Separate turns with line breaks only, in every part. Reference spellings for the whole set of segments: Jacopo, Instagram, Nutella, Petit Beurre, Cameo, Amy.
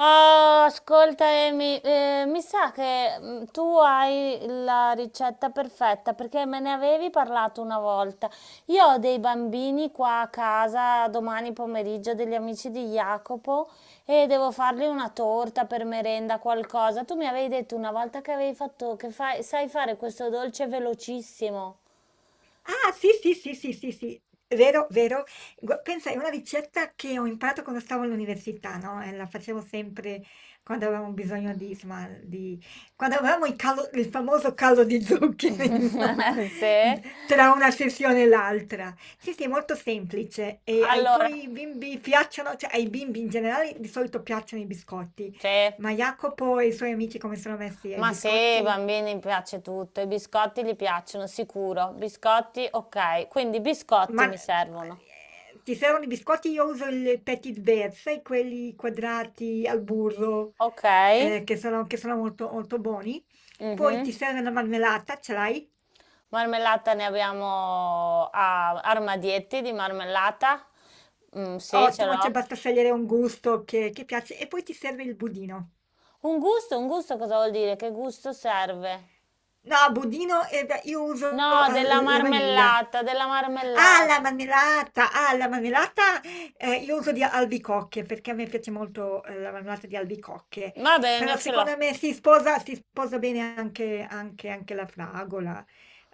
Oh, ascolta Amy, mi sa che tu hai la ricetta perfetta perché me ne avevi parlato una volta. Io ho dei bambini qua a casa domani pomeriggio, degli amici di Jacopo, e devo fargli una torta per merenda, qualcosa. Tu mi avevi detto una volta che avevi fatto, sai fare questo dolce velocissimo.
Ah, sì, sì, sì, sì, sì, sì, vero, vero. Pensa, è una ricetta che ho imparato quando stavo all'università, no? E la facevo sempre quando avevamo bisogno di, insomma, di... quando avevamo il, il famoso calo di zuccheri, no?
Sì?
Tra una sessione e l'altra. Sì, sì, è molto semplice. E ai
Allora,
tuoi bimbi piacciono, cioè ai bimbi in generale di solito piacciono i biscotti,
sì.
ma Jacopo e i suoi amici come sono messi ai
Ma se ai
biscotti?
bambini piace tutto, i biscotti gli piacciono, sicuro. Biscotti, ok. Quindi biscotti
Ma,
mi servono.
ti servono i biscotti? Io uso il Petit Beurre, sai quelli quadrati al burro,
Ok.
che sono molto molto buoni. Poi
Mhm.
ti serve una marmellata, ce l'hai?
Marmellata ne abbiamo a armadietti di marmellata. Mm, sì, ce
Ottimo, cioè
l'ho.
basta scegliere un gusto che piace e poi ti serve il budino.
Un gusto cosa vuol dire? Che gusto serve?
No, budino, beh, io uso,
No, della
l la vaniglia.
marmellata, della
Ah, la
marmellata.
marmellata! Ah, la marmellata, io uso di albicocche, perché a me piace molto, la marmellata di albicocche,
Va bene,
però
ce l'ho.
secondo me si sposa bene anche la fragola,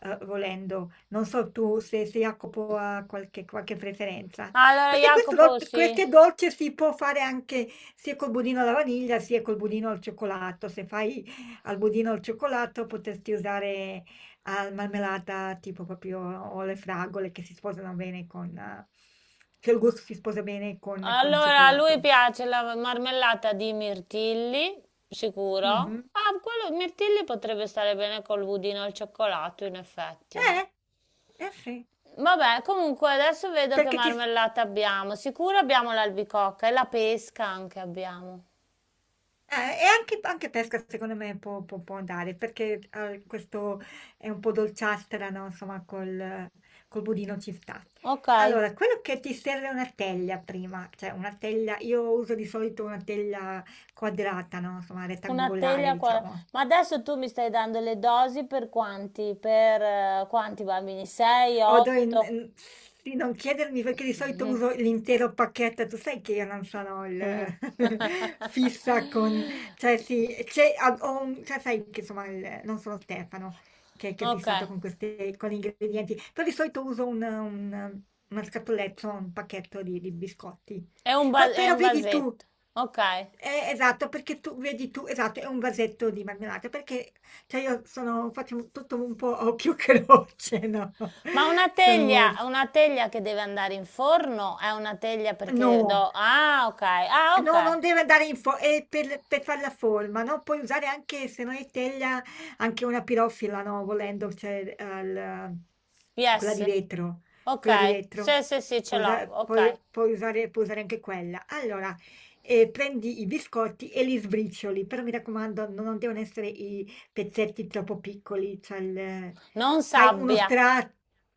volendo. Non so tu se Jacopo ha qualche preferenza.
Allora,
Perché questo do
Jacopo, sì.
queste dolce si può fare anche sia col budino alla vaniglia, sia col budino al cioccolato. Se fai al budino al cioccolato potresti usare al marmellata tipo proprio o le fragole che si sposano bene con... che il gusto si sposa bene con il
Allora, a lui
cioccolato.
piace la marmellata di mirtilli, sicuro.
Mhm.
Ah, quello mirtilli potrebbe stare bene col budino al cioccolato, in effetti, no?
Eh, eh sì,
Vabbè, comunque adesso vedo che
perché ci...
marmellata abbiamo. Sicuro abbiamo l'albicocca e la pesca anche abbiamo.
Eh, e anche pesca secondo me può andare, perché, questo è un po' dolciastra, no, insomma col budino ci sta.
Ok,
Allora, quello che ti serve è una teglia prima, cioè una teglia io uso di solito una teglia quadrata, no, insomma
una
rettangolare
teglia qua.
diciamo.
Ma adesso tu mi stai dando le dosi per quanti? Per quanti bambini? 6,
Odo in-
8?
in- sì, non chiedermi perché di solito uso l'intero pacchetto, tu sai che io non sono il fissa con, cioè sì, cioè, sai che insomma non sono Stefano che è
Ok.
fissato con queste, con gli ingredienti, però di solito uso una scatoletta, un pacchetto di biscotti.
È un, va- è
Però
un
vedi tu,
vasetto, ok.
esatto, perché tu, vedi tu, esatto, è un vasetto di marmellata, perché cioè io sono faccio tutto un po' a occhio croce, no?
Ma
Sono molto
una teglia che deve andare in forno è una teglia perché
no!
do... Ah, ok, ah,
No,
ok.
non deve andare in fo e per far la forma, no, puoi usare anche se non è teglia, anche una pirofila, no, volendo, cioè al quella di
Yes,
vetro, quella di
ok.
vetro.
Sì, sì, sì, ce l'ho, ok.
Puoi usare anche quella. Allora, prendi i biscotti e li sbricioli, però mi raccomando, non devono essere i pezzetti troppo piccoli, cioè
Non
fai uno
sabbia.
strato,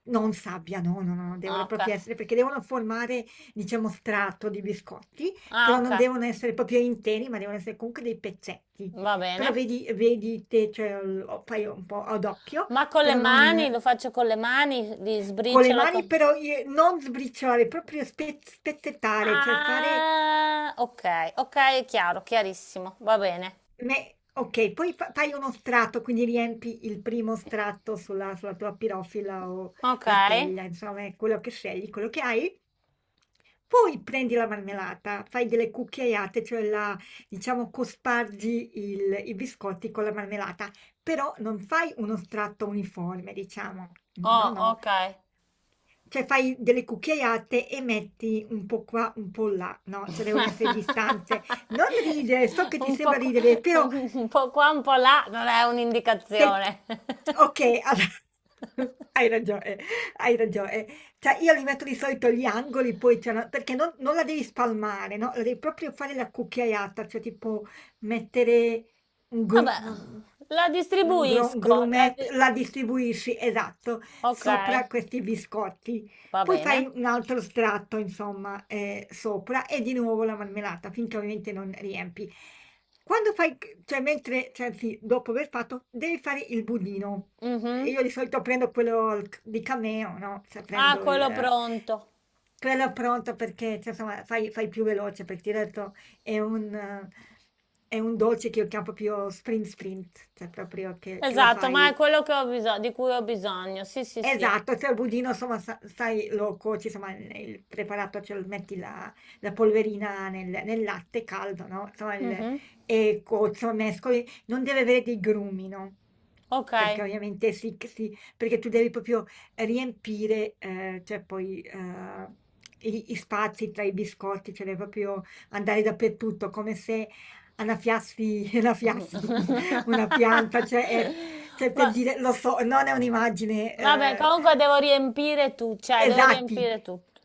non sabbia, no, no, no,
Ah,
devono
ok.
proprio essere, perché devono formare, diciamo, strato di biscotti.
Ah,
Però
ok,
non devono essere proprio interi, ma devono essere comunque dei pezzetti.
va
Però
bene.
vedi te, cioè lo fai un po' ad occhio,
Ma con le
però
mani,
non
lo faccio con le mani, li
con le
sbriciolo
mani
con...
però i non sbriciolare, proprio spezzettare, cioè fare
Ah, ok, ok, è chiaro, chiarissimo, va bene.
Me okay, poi fa fai uno strato, quindi riempi il primo strato sulla tua pirofila o
Ok.
la teglia, insomma è quello che scegli, quello che hai. Poi prendi la marmellata, fai delle cucchiaiate, cioè la diciamo cospargi il i biscotti con la marmellata, però non fai uno strato uniforme, diciamo. No,
Oh,
no.
ok.
Cioè fai delle cucchiaiate e metti un po' qua, un po' là, no, cioè devono essere distanze. Non ridere, so che ti
Un po'
sembra
qua,
ridere, però
un po' qua, un po' là, non è
Tec-
un'indicazione.
ok, hai ragione, hai ragione. Cioè, io li metto di solito gli angoli, poi c'è perché non la devi spalmare, no? La devi proprio fare la cucchiaiata, cioè tipo mettere un
Vabbè,
gruppo,
la distribuisco.
grumet, la distribuisci, esatto,
Ok,
sopra questi biscotti.
va
Poi
bene.
fai un altro strato, insomma, sopra e di nuovo la marmellata, finché ovviamente non riempi. Quando fai, cioè mentre, cioè, anzi, dopo aver fatto, devi fare il budino.
Mhm.
Io di solito prendo quello di Cameo, no? Cioè
Ah,
prendo
quello pronto.
quello pronto perché, cioè, insomma, fai più veloce, perché ti ho detto, è un, eh, è un dolce che io chiamo proprio sprint sprint, cioè proprio che lo
Esatto, ma è
fai
quello che ho bisogno, di cui ho bisogno. Sì, sì, sì.
Esatto, cioè il budino insomma sa sai lo cuoci, insomma il preparato, cioè lo metti la polverina nel latte caldo, no, insomma il
Mhm.
e cuoci, insomma mescoli, non deve avere dei grumi, no,
Ok.
perché ovviamente si c si perché tu devi proprio riempire, cioè poi, gli spazi tra i biscotti, cioè devi proprio andare dappertutto, come se annaffiassi annaffiassi una pianta, cioè è cioè per
Va-
dire, lo so, non è un'immagine
vabbè, comunque devo riempire tu, cioè devo
esatti,
riempire tutto.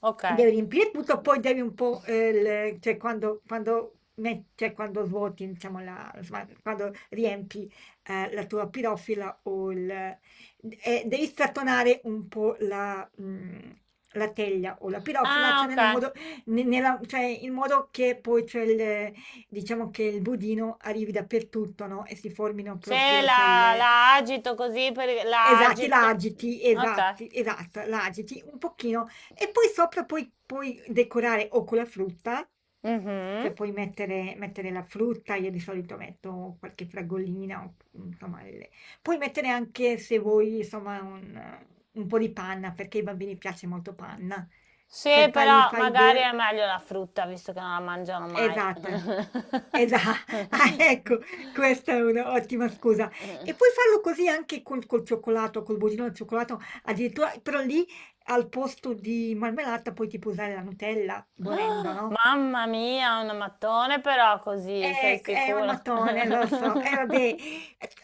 Ok.
devi riempire tutto, poi devi un po', cioè quando, cioè quando svuoti, diciamo, la, insomma, quando riempi la tua pirofila o devi strattonare un po' la teglia o la pirofila,
Ah,
cioè
ok.
nel modo, cioè in modo che poi c'è il, diciamo che il budino arrivi dappertutto, no? E si formino
Se
proprio, cioè,
la,
le,
la agito così, per, la
Esatti, la
agito.
agiti,
Ok.
esatti, esatto, la agiti un pochino e poi sopra puoi decorare o con la frutta,
Mhm.
cioè puoi mettere la frutta, io di solito metto qualche fragolina, o, insomma le puoi mettere anche se vuoi insomma un po' di panna, perché ai bambini piace molto panna.
Sì,
Cioè fai
però
fai
magari
de
è meglio la frutta, visto che non la mangiano mai.
Esatto, esa ah, ecco, questa è un'ottima scusa. E puoi farlo così anche col, col cioccolato, col budino al cioccolato, addirittura, però lì al posto di marmellata poi ti puoi tipo usare la Nutella, volendo, no?
Mamma mia, un mattone però così, sei
È un
sicura?
mattone, lo so. E vabbè,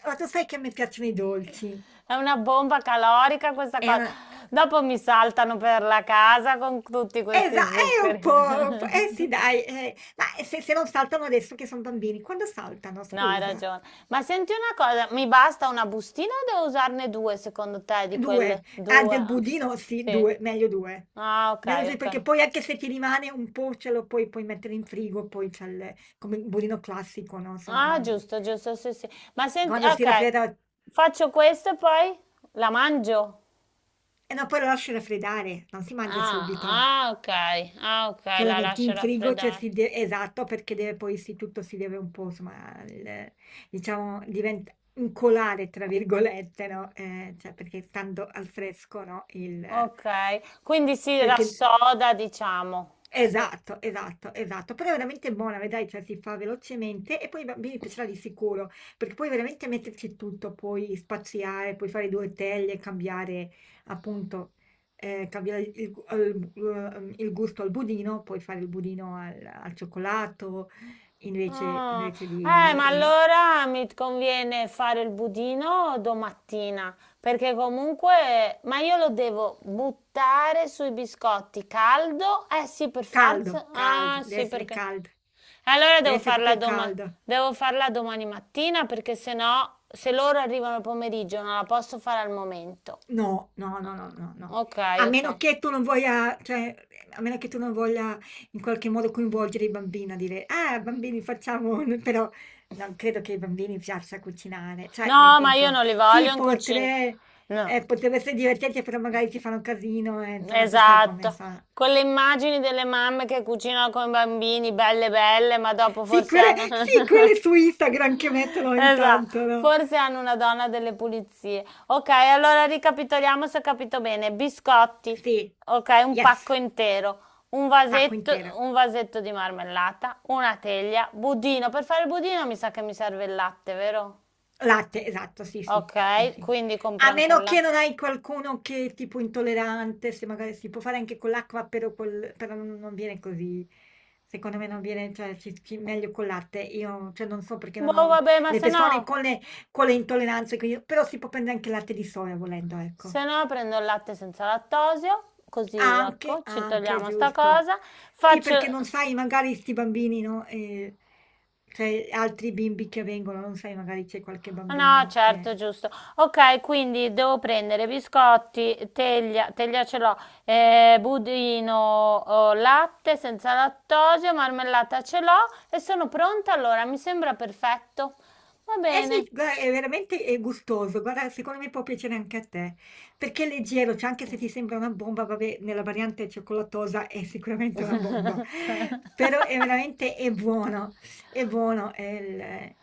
ma tu sai che a me piacciono i dolci.
È una bomba calorica questa
È
cosa.
una...
Dopo mi saltano per la casa con tutti questi
È un
zuccheri.
po', eh sì, dai, ma se non saltano adesso che sono bambini, quando saltano,
No, hai
scusa?
ragione. Ma senti una cosa, mi basta una bustina o devo usarne due secondo te di
2.
quelle?
Ah,
Due?
del
Ah,
budino sì,
sì.
2, meglio 2.
Ah, ok,
Meglio 2
ok.
perché poi anche se ti rimane un po' ce lo puoi mettere in frigo, poi c'è il, come il budino classico, no? Insomma,
Ah,
ma
giusto, giusto, sì, sì. Ma senti,
quando si
ok,
raffredda...
faccio questo e poi la mangio?
E no, poi lo lasci raffreddare, non si mangia
Ah,
subito.
ah, ok, ah, ok,
Cioè la
la
metti
lascio
in frigo, cioè
raffreddare.
esatto, perché deve poi sì, tutto si deve un po', insomma, diciamo, diventa incolare, tra virgolette, no? Cioè perché stando al fresco, no? Il,
Ok, quindi si
perché
rassoda, diciamo. Sì.
Esatto, esatto, esatto, però è veramente buona, vedrai, cioè si fa velocemente e poi ai bambini piacerà di sicuro, perché puoi veramente metterci tutto, puoi spaziare, puoi fare due teglie, cambiare appunto, cambiare il, il gusto al budino, puoi fare il budino al, al cioccolato,
Ah,
invece di...
ma allora mi conviene fare il budino domattina, perché comunque, ma io lo devo buttare sui biscotti caldo? Eh sì, per
caldo,
forza. Ah, sì, perché. E
caldo,
Allora
deve
devo
essere
farla
proprio
doma-
caldo.
Devo farla domani mattina, perché se no, se loro arrivano al pomeriggio, non la posso fare al momento.
No, no, no, no, no, no.
Ok,
A
ok.
meno che tu non voglia, cioè, a meno che tu non voglia in qualche modo coinvolgere i bambini a dire, ah, bambini, facciamo, un-" però non credo che ai bambini piaccia cucinare, cioè,
No,
nel
ma io
senso,
non li voglio
sì,
in cucina. No,
potrebbe essere divertente, però magari ti fanno casino, insomma, sai come
esatto,
fa.
con le immagini delle mamme che cucinano con i bambini, belle belle, ma dopo forse hanno...
Sì, quelle su Instagram che mettono ogni tanto,
Esatto,
no?
forse hanno una donna delle pulizie. Ok, allora ricapitoliamo se ho capito bene. Biscotti,
Sì,
ok, un
yes,
pacco intero, un
pacco
vasetto,
intero.
un vasetto di marmellata, una teglia, budino. Per fare il budino mi sa che mi serve il latte, vero?
Latte, esatto, sì, sì, sì,
Ok,
sì.
quindi compro
A
anche il
meno che
latte.
non hai qualcuno che è tipo intollerante, se magari si può fare anche con l'acqua, però, però non viene così. Secondo me non viene, cioè, meglio col latte. Io, cioè, non so perché non
Boh,
ho
vabbè, ma
le
se
persone
no...
con le intolleranze, quindi- però si può prendere anche latte di soia volendo, ecco.
Se no prendo il latte senza lattosio, così
Anche,
ecco, ci
anche,
togliamo sta
giusto.
cosa.
Sì,
Faccio...
perché non sai, magari sti bambini, no? Cioè, altri bimbi che vengono, non sai, magari c'è qualche
No,
bambino
certo,
che...
giusto. Ok, quindi devo prendere biscotti, teglia, teglia ce l'ho, budino, oh, latte senza lattosio, marmellata ce l'ho e sono pronta allora, mi sembra perfetto. Va
Eh
bene.
sì, guarda, è veramente gustoso, guarda, secondo me può piacere anche a te, perché è leggero, cioè anche se ti sembra una bomba, vabbè, nella variante cioccolatosa è sicuramente una bomba, però è veramente è buono,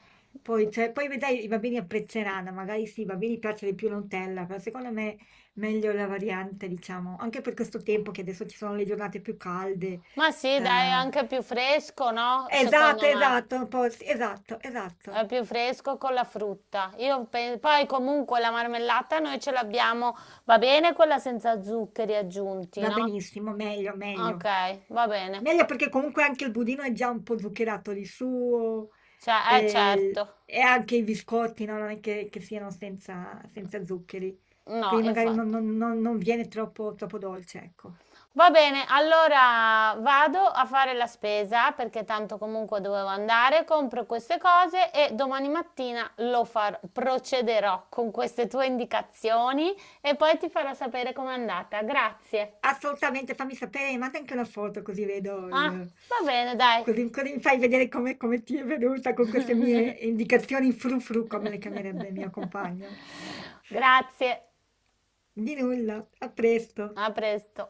poi, cioè, poi vedrai i bambini apprezzeranno, magari sì, i bambini piace di più la Nutella, però secondo me meglio la variante, diciamo, anche per questo tempo che adesso ci sono le giornate più calde.
Ma sì, dai, è
eh,
anche più fresco, no?
Esatto,
Secondo me.
esatto, un po' sì, esatto,
È
esatto.
più fresco con la frutta. Poi comunque la marmellata noi ce l'abbiamo, va bene quella senza zuccheri aggiunti,
Va
no?
benissimo, meglio,
Ok,
meglio.
va bene.
Meglio perché comunque anche il budino è già un po' zuccherato di suo
Cioè, eh certo.
e anche i biscotti, no? Non è che siano senza, senza zuccheri,
No,
quindi magari
infatti.
non viene troppo, troppo dolce, ecco.
Va bene, allora vado a fare la spesa perché tanto comunque dovevo andare, compro queste cose e domani mattina lo farò, procederò con queste tue indicazioni e poi ti farò sapere com'è andata. Grazie.
Assolutamente, fammi sapere, manda anche una foto così vedo
Ah,
il...
va bene, dai.
Così, così mi fai vedere come, come ti è venuta con queste mie indicazioni frufru, come le chiamerebbe mio compagno.
Grazie,
Di nulla, a presto.
a presto.